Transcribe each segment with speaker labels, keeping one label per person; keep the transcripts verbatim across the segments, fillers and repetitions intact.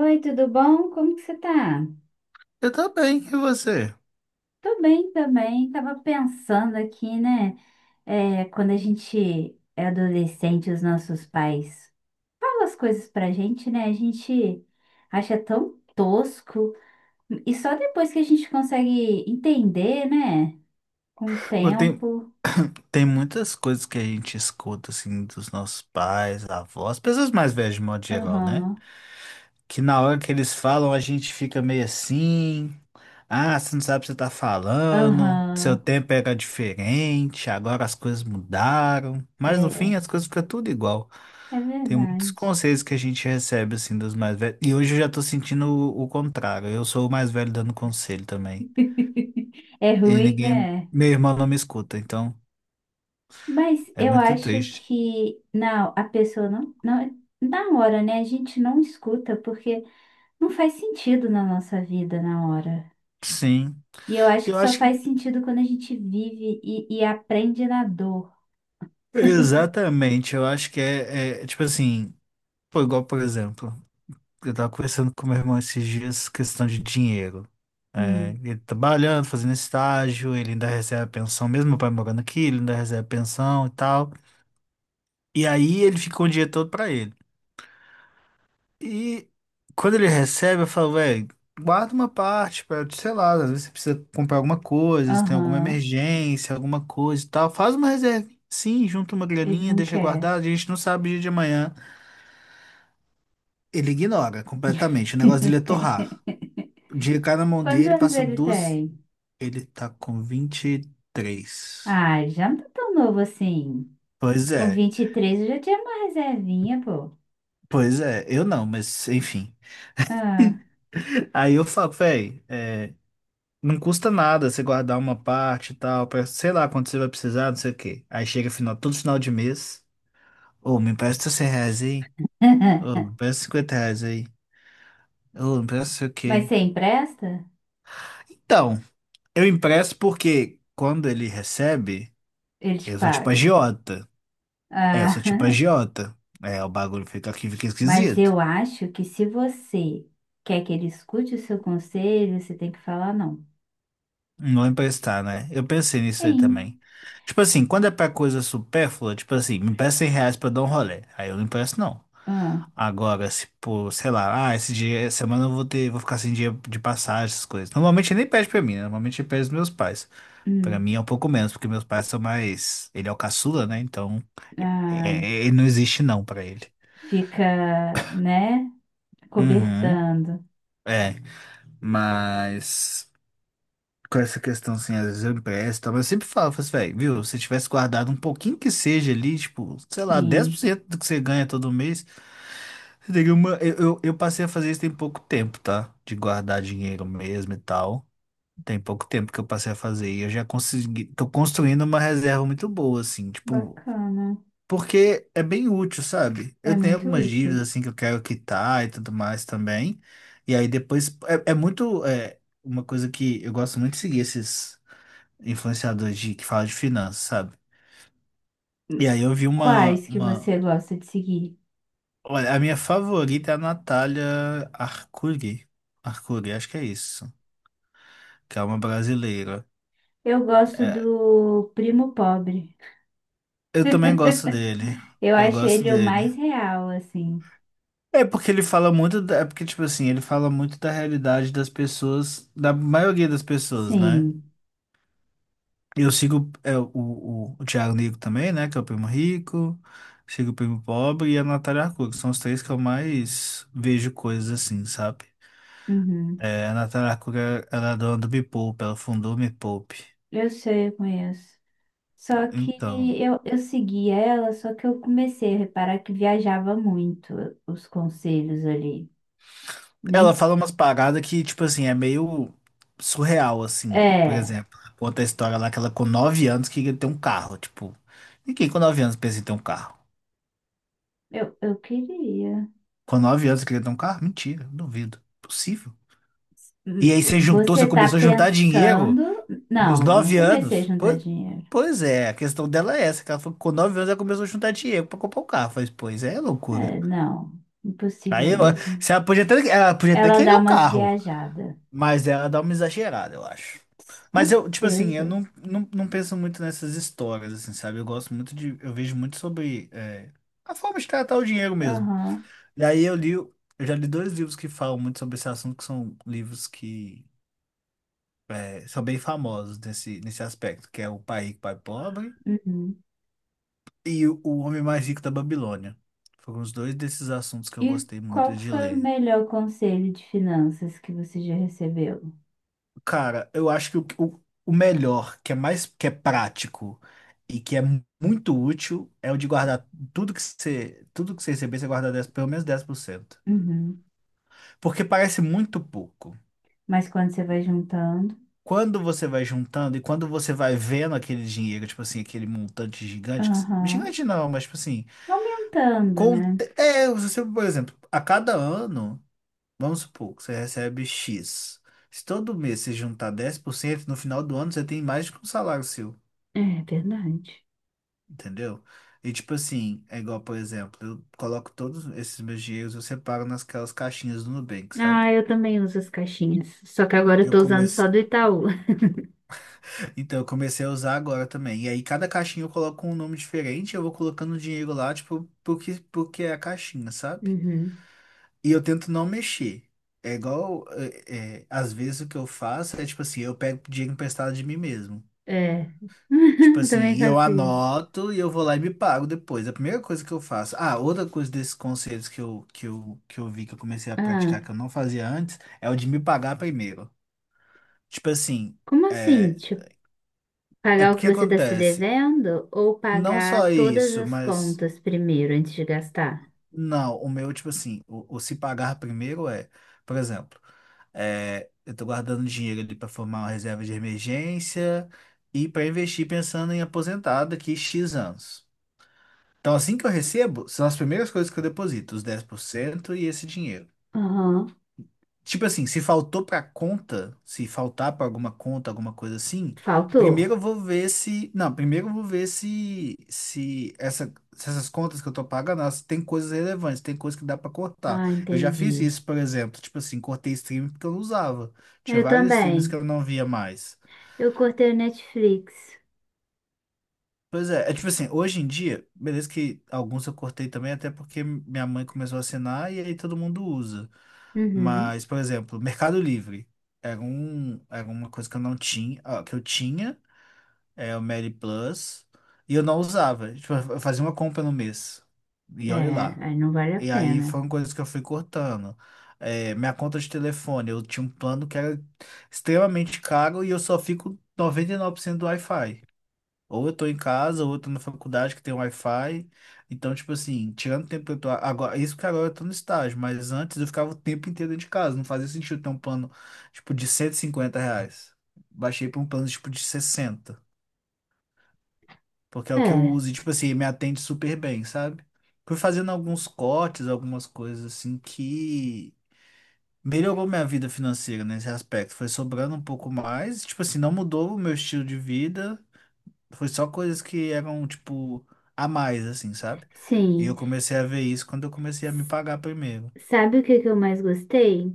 Speaker 1: Oi, tudo bom? Como que você tá?
Speaker 2: Eu também, e você?
Speaker 1: Tô bem também. Tava pensando aqui, né? É, quando a gente é adolescente, os nossos pais falam as coisas pra gente, né? A gente acha tão tosco. E só depois que a gente consegue entender, né? Com o
Speaker 2: Pô, Tem,
Speaker 1: tempo.
Speaker 2: tem muitas coisas que a gente escuta, assim, dos nossos pais, avós, pessoas mais velhas de modo geral, né?
Speaker 1: Aham,
Speaker 2: Que na hora que eles falam, a gente fica meio assim, ah, você não sabe o que você tá falando, seu
Speaker 1: aham.
Speaker 2: tempo era diferente, agora as coisas mudaram. Mas no fim,
Speaker 1: É,
Speaker 2: as coisas ficam tudo igual.
Speaker 1: é
Speaker 2: Tem muitos
Speaker 1: verdade.
Speaker 2: conselhos que a gente recebe, assim, dos mais velhos. E hoje eu já tô sentindo o, o contrário, eu sou o mais velho dando conselho também.
Speaker 1: É
Speaker 2: E
Speaker 1: ruim,
Speaker 2: ninguém,
Speaker 1: né?
Speaker 2: meu irmão não me escuta, então...
Speaker 1: Mas
Speaker 2: É
Speaker 1: eu
Speaker 2: muito
Speaker 1: acho
Speaker 2: triste.
Speaker 1: que não, a pessoa não, não, na hora, né? A gente não escuta porque não faz sentido na nossa vida na hora.
Speaker 2: Sim.
Speaker 1: E eu acho que
Speaker 2: Eu
Speaker 1: só
Speaker 2: acho que.
Speaker 1: faz sentido quando a gente vive e, e aprende na dor.
Speaker 2: Exatamente. Eu acho que é, é, tipo assim. Pô, igual, por exemplo, eu tava conversando com meu irmão esses dias, questão de dinheiro. É,
Speaker 1: Hum,
Speaker 2: ele trabalhando, fazendo estágio, ele ainda recebe a pensão, mesmo o pai morando aqui, ele ainda recebe a pensão e tal. E aí ele ficou o dinheiro todo pra ele. E quando ele recebe, eu falo, velho, guarda uma parte pra, sei lá, às vezes você precisa comprar alguma coisa, se tem alguma
Speaker 1: aham,
Speaker 2: emergência, alguma coisa e tal. Faz uma reserva, sim, junta uma
Speaker 1: ele
Speaker 2: graninha,
Speaker 1: não
Speaker 2: deixa
Speaker 1: quer.
Speaker 2: guardado, a gente não sabe o dia de amanhã. Ele ignora completamente. O negócio dele é torrar. O dinheiro cai na mão
Speaker 1: Quantos
Speaker 2: dele,
Speaker 1: anos
Speaker 2: passa
Speaker 1: ele
Speaker 2: duas.
Speaker 1: tem?
Speaker 2: Ele tá com vinte e três.
Speaker 1: Ah, já não tá tão novo assim.
Speaker 2: Pois
Speaker 1: Com
Speaker 2: é,
Speaker 1: vinte e três eu já tinha uma reservinha, pô.
Speaker 2: pois é, eu não, mas enfim.
Speaker 1: Ah.
Speaker 2: Aí eu falo, velho. Não custa nada você guardar uma parte e tal, pra, sei lá quando você vai precisar, não sei o quê. Aí chega final, todo final de mês. Ô, me empresta cem reais aí. Ô, me empresta cinquenta reais aí. Ô, me empresta não sei o
Speaker 1: Mas você
Speaker 2: quê.
Speaker 1: empresta?
Speaker 2: Então, eu empresto porque quando ele recebe,
Speaker 1: Ele te
Speaker 2: eu sou tipo
Speaker 1: paga.
Speaker 2: agiota. É, eu sou tipo
Speaker 1: Ah.
Speaker 2: agiota. É, o bagulho fica aqui, fica
Speaker 1: Mas
Speaker 2: esquisito.
Speaker 1: eu acho que se você quer que ele escute o seu conselho, você tem que falar não.
Speaker 2: Não emprestar, né? Eu pensei nisso aí
Speaker 1: Sim.
Speaker 2: também. Tipo assim, quando é pra coisa supérflua, tipo assim, me empresta cem reais pra eu dar um rolê. Aí eu não empresto, não.
Speaker 1: Ah,
Speaker 2: Agora, se por, sei lá, ah, esse dia, essa semana eu vou ter, vou ficar sem dinheiro de passagem, essas coisas. Normalmente ele nem pede pra mim, né? Normalmente ele pede os meus pais. Pra
Speaker 1: hum,
Speaker 2: mim é um pouco menos, porque meus pais são mais. Ele é o caçula, né? Então, é,
Speaker 1: ah,
Speaker 2: é- ele não existe não pra ele.
Speaker 1: fica, né?
Speaker 2: Uhum.
Speaker 1: Cobertando.
Speaker 2: É, mas, com essa questão, assim, às vezes eu empresto, e tal, mas eu sempre falo, falo assim, velho, viu, se tivesse guardado um pouquinho que seja ali, tipo, sei lá, dez por
Speaker 1: Sim.
Speaker 2: cento do que você ganha todo mês, você teria uma... Eu, eu, eu passei a fazer isso tem pouco tempo, tá? De guardar dinheiro mesmo e tal. Tem pouco tempo que eu passei a fazer e eu já consegui, tô construindo uma reserva muito boa, assim, tipo,
Speaker 1: Bacana.
Speaker 2: porque é bem útil, sabe?
Speaker 1: É
Speaker 2: Eu tenho
Speaker 1: muito
Speaker 2: algumas dívidas,
Speaker 1: útil.
Speaker 2: assim, que eu quero quitar e tudo mais também, e aí depois, é, é muito, é, uma coisa que eu gosto muito de seguir esses influenciador de, que fala de finanças, sabe? E aí eu vi uma,
Speaker 1: Quais que
Speaker 2: uma...
Speaker 1: você gosta de seguir?
Speaker 2: Olha, a minha favorita é a Natália Arcuri. Arcuri, acho que é isso. Que é uma brasileira.
Speaker 1: Eu gosto
Speaker 2: É,
Speaker 1: do Primo Pobre.
Speaker 2: eu também gosto dele.
Speaker 1: Eu
Speaker 2: Eu
Speaker 1: acho
Speaker 2: gosto
Speaker 1: ele o
Speaker 2: dele.
Speaker 1: mais real, assim.
Speaker 2: É porque ele fala muito... da- É porque, tipo assim, ele fala muito da realidade das pessoas... Da maioria das pessoas, né?
Speaker 1: Sim.
Speaker 2: Eu sigo é, o, o, o Thiago Negro também, né? Que é o primo rico. Sigo o primo pobre e a Natália Arcuri, que são os três que eu mais vejo coisas assim, sabe?
Speaker 1: Uhum.
Speaker 2: É, a Natália Natarakura, ela é dona do Me Poupe, ela fundou o Me Poupe.
Speaker 1: Eu sei, eu conheço. Só que
Speaker 2: Então,
Speaker 1: eu, eu segui ela, só que eu comecei a reparar que viajava muito os conselhos ali.
Speaker 2: ela
Speaker 1: Nem.
Speaker 2: fala umas paradas que, tipo assim, é meio surreal, assim. Por
Speaker 1: É,
Speaker 2: exemplo, conta a história lá que ela com nove anos queria ter um carro. Tipo, ninguém com nove anos pensa em ter um carro.
Speaker 1: eu, eu queria.
Speaker 2: Com nove anos queria ter um carro? Mentira, duvido. Possível. E
Speaker 1: Hum,
Speaker 2: aí você juntou,
Speaker 1: Você
Speaker 2: você
Speaker 1: tá
Speaker 2: começou a juntar dinheiro
Speaker 1: pensando.
Speaker 2: nos
Speaker 1: Não, não
Speaker 2: nove
Speaker 1: comecei a
Speaker 2: anos?
Speaker 1: juntar
Speaker 2: Pois,
Speaker 1: dinheiro.
Speaker 2: pois é, a questão dela é essa, que ela falou que com nove anos ela começou a juntar dinheiro pra comprar um carro. Eu falei, pois é, loucura.
Speaker 1: É, não,
Speaker 2: Aí
Speaker 1: impossível
Speaker 2: eu,
Speaker 1: mesmo.
Speaker 2: se ela podia até, ela podia até
Speaker 1: Ela
Speaker 2: querer
Speaker 1: dá
Speaker 2: o
Speaker 1: umas
Speaker 2: carro,
Speaker 1: viajadas.
Speaker 2: mas ela dá uma exagerada, eu acho.
Speaker 1: Com
Speaker 2: Mas eu, tipo assim, eu
Speaker 1: certeza.
Speaker 2: não, não, não, penso muito nessas histórias, assim, sabe? Eu gosto muito de, eu vejo muito sobre é, a forma de tratar o dinheiro mesmo.
Speaker 1: Aham.
Speaker 2: E aí eu li, eu já li dois livros que falam muito sobre esse assunto, que são livros que é, são bem famosos nesse, nesse aspecto, que é O Pai Rico, Pai Pobre
Speaker 1: Uhum.
Speaker 2: e O Homem Mais Rico da Babilônia. Foram os dois desses assuntos que eu
Speaker 1: E
Speaker 2: gostei muito
Speaker 1: qual que
Speaker 2: de
Speaker 1: foi o
Speaker 2: ler.
Speaker 1: melhor conselho de finanças que você já recebeu?
Speaker 2: Cara, eu acho que o, o, o melhor, que é mais, que é prático e que é mu- muito útil, é o de guardar tudo que você, tudo que você receber, você guarda dez pelo menos dez por cento.
Speaker 1: Uhum.
Speaker 2: Porque parece muito pouco.
Speaker 1: Mas quando você vai juntando.
Speaker 2: Quando você vai juntando e quando você vai vendo aquele dinheiro, tipo assim, aquele montante gigante, que, cê-
Speaker 1: Aham.
Speaker 2: gigante não, mas tipo assim,
Speaker 1: Aumentando,
Speaker 2: com,
Speaker 1: né?
Speaker 2: é, você, por exemplo, a cada ano, vamos supor que você recebe X. Se todo mês você juntar dez por cento no final do ano você tem mais do que um salário seu.
Speaker 1: É verdade.
Speaker 2: Entendeu? E tipo assim, é igual, por exemplo, eu coloco todos esses meus dinheiros, eu separo nasquelas caixinhas do Nubank, sabe?
Speaker 1: Ah, eu também uso as caixinhas. Só que agora eu
Speaker 2: Eu
Speaker 1: tô usando só
Speaker 2: comecei.
Speaker 1: do Itaú.
Speaker 2: Então, eu comecei a usar agora também. E aí, cada caixinha eu coloco um nome diferente, eu vou colocando o dinheiro lá, tipo, porque, porque é a caixinha, sabe?
Speaker 1: Uhum.
Speaker 2: E eu tento não mexer. É igual, é, é, às vezes o que eu faço é tipo assim, eu pego dinheiro emprestado de mim mesmo.
Speaker 1: É.
Speaker 2: Tipo assim,
Speaker 1: Também
Speaker 2: e eu
Speaker 1: faço isso.
Speaker 2: anoto e eu vou lá e me pago depois. A primeira coisa que eu faço. Ah, outra coisa desses conselhos que eu, que eu, que eu vi que eu comecei a
Speaker 1: Ah,
Speaker 2: praticar que eu não fazia antes é o de me pagar primeiro. Tipo assim,
Speaker 1: como assim?
Speaker 2: é,
Speaker 1: Tipo,
Speaker 2: é
Speaker 1: pagar o que
Speaker 2: porque
Speaker 1: você tá se
Speaker 2: acontece.
Speaker 1: devendo ou
Speaker 2: Não só
Speaker 1: pagar todas
Speaker 2: isso,
Speaker 1: as
Speaker 2: mas.
Speaker 1: contas primeiro antes de gastar?
Speaker 2: Não, o meu, tipo assim, o, o se pagar primeiro é. Por exemplo, é, eu tô guardando dinheiro ali pra formar uma reserva de emergência e pra investir pensando em aposentar daqui X anos. Então, assim que eu recebo, são as primeiras coisas que eu deposito, os dez por cento e esse dinheiro.
Speaker 1: Aham.
Speaker 2: Tipo assim, se faltou pra conta, se faltar pra alguma conta, alguma coisa assim, primeiro
Speaker 1: Faltou.
Speaker 2: eu vou ver se, não, primeiro eu vou ver se se, essa- se essas contas que eu tô pagando, elas têm coisas relevantes, tem coisas que dá pra cortar.
Speaker 1: Ah,
Speaker 2: Eu já fiz
Speaker 1: entendi.
Speaker 2: isso, por exemplo, tipo assim, cortei stream porque eu não usava. Tinha
Speaker 1: Eu
Speaker 2: vários streams que
Speaker 1: também.
Speaker 2: eu não via mais.
Speaker 1: Eu cortei o Netflix.
Speaker 2: Pois é, é tipo assim, hoje em dia, beleza que alguns eu cortei também, até porque minha mãe começou a assinar e aí todo mundo usa.
Speaker 1: Uhum.
Speaker 2: Mas, por exemplo, Mercado Livre era, um, era uma coisa que eu não tinha, ah, que eu tinha, é o Meli Plus, e eu não usava. Tipo, eu fazia uma compra no mês. E olha lá.
Speaker 1: É, aí não vale a
Speaker 2: E aí
Speaker 1: pena.
Speaker 2: foram coisas que eu fui cortando. É, minha conta de telefone, eu tinha um plano que era extremamente caro e eu só fico noventa e nove por cento do Wi-Fi. Ou eu tô em casa, ou eu tô na faculdade que tem Wi-Fi. Então, tipo assim, tirando o tempo que eu tô. Agora, isso que agora eu tô no estágio, mas antes eu ficava o tempo inteiro dentro de casa. Não fazia sentido ter um plano, tipo, de cento e cinquenta reais. Baixei pra um plano, tipo, de sessenta. Porque é o que eu
Speaker 1: É,
Speaker 2: uso. E, tipo assim, me atende super bem, sabe? Fui fazendo alguns cortes, algumas coisas assim que. Melhorou minha vida financeira nesse aspecto. Foi sobrando um pouco mais. Tipo assim, não mudou o meu estilo de vida. Foi só coisas que eram, tipo, a mais, assim, sabe? E eu
Speaker 1: sim.
Speaker 2: comecei a ver isso quando eu comecei a me
Speaker 1: S-
Speaker 2: pagar primeiro.
Speaker 1: Sabe o que que eu mais gostei?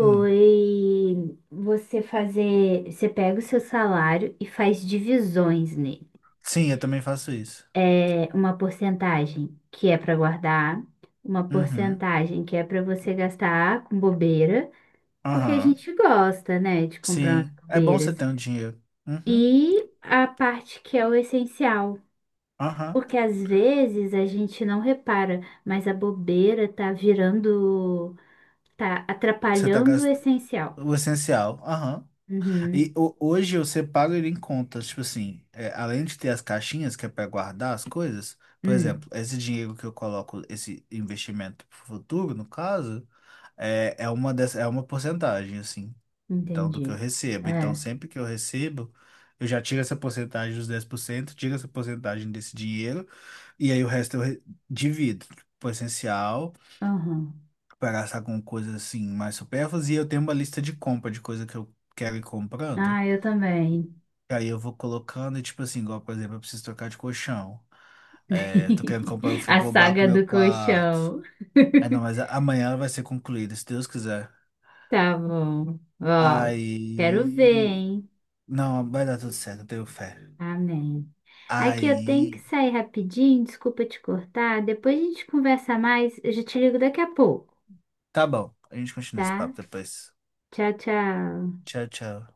Speaker 2: Hum.
Speaker 1: você fazer. Você pega o seu salário e faz divisões nele.
Speaker 2: Sim, eu também faço isso.
Speaker 1: É uma porcentagem que é para guardar, uma
Speaker 2: Uhum.
Speaker 1: porcentagem que é para você gastar com bobeira, porque a
Speaker 2: Aham.
Speaker 1: gente gosta, né, de comprar umas
Speaker 2: Sim. É bom você
Speaker 1: bobeiras.
Speaker 2: ter um dinheiro. Uhum.
Speaker 1: E a parte que é o essencial.
Speaker 2: Aham.
Speaker 1: Porque às vezes a gente não repara, mas a bobeira tá virando, tá
Speaker 2: Você tá
Speaker 1: atrapalhando o
Speaker 2: gastando
Speaker 1: essencial.
Speaker 2: o essencial. Aham. E
Speaker 1: Uhum.
Speaker 2: ho- hoje eu separo ele em contas, tipo assim, é, além de ter as caixinhas que é para guardar as coisas, por exemplo,
Speaker 1: Hum,
Speaker 2: esse dinheiro que eu coloco, esse investimento pro futuro, no caso, é, é uma dessa, é uma porcentagem, assim, então, do que eu
Speaker 1: entendi.
Speaker 2: recebo. Então,
Speaker 1: É.
Speaker 2: sempre que eu recebo, eu já tiro essa porcentagem dos dez por cento, tiro essa porcentagem desse dinheiro, e aí o resto eu re- divido pro essencial,
Speaker 1: Aham.
Speaker 2: para gastar com coisas assim mais supérfluas, e eu tenho uma lista de compra de coisa que eu quero ir comprando.
Speaker 1: Ah, eu também.
Speaker 2: Aí eu vou colocando, e tipo assim, igual, por exemplo, eu preciso trocar de colchão. É, tô querendo comprar um
Speaker 1: A
Speaker 2: frigobar pro
Speaker 1: saga
Speaker 2: meu
Speaker 1: do
Speaker 2: quarto.
Speaker 1: colchão.
Speaker 2: Aí não, mas a- amanhã ela vai ser concluída, se Deus quiser.
Speaker 1: Tá bom. Ó, quero ver,
Speaker 2: Aí.
Speaker 1: hein?
Speaker 2: Não, vai dar tudo certo, eu tenho fé.
Speaker 1: Amém. Aqui eu tenho que
Speaker 2: Aí.
Speaker 1: sair rapidinho, desculpa te cortar. Depois a gente conversa mais. Eu já te ligo daqui a pouco.
Speaker 2: Tá bom, a gente continua esse
Speaker 1: Tá?
Speaker 2: papo depois.
Speaker 1: Tchau, tchau.
Speaker 2: Tchau, tchau.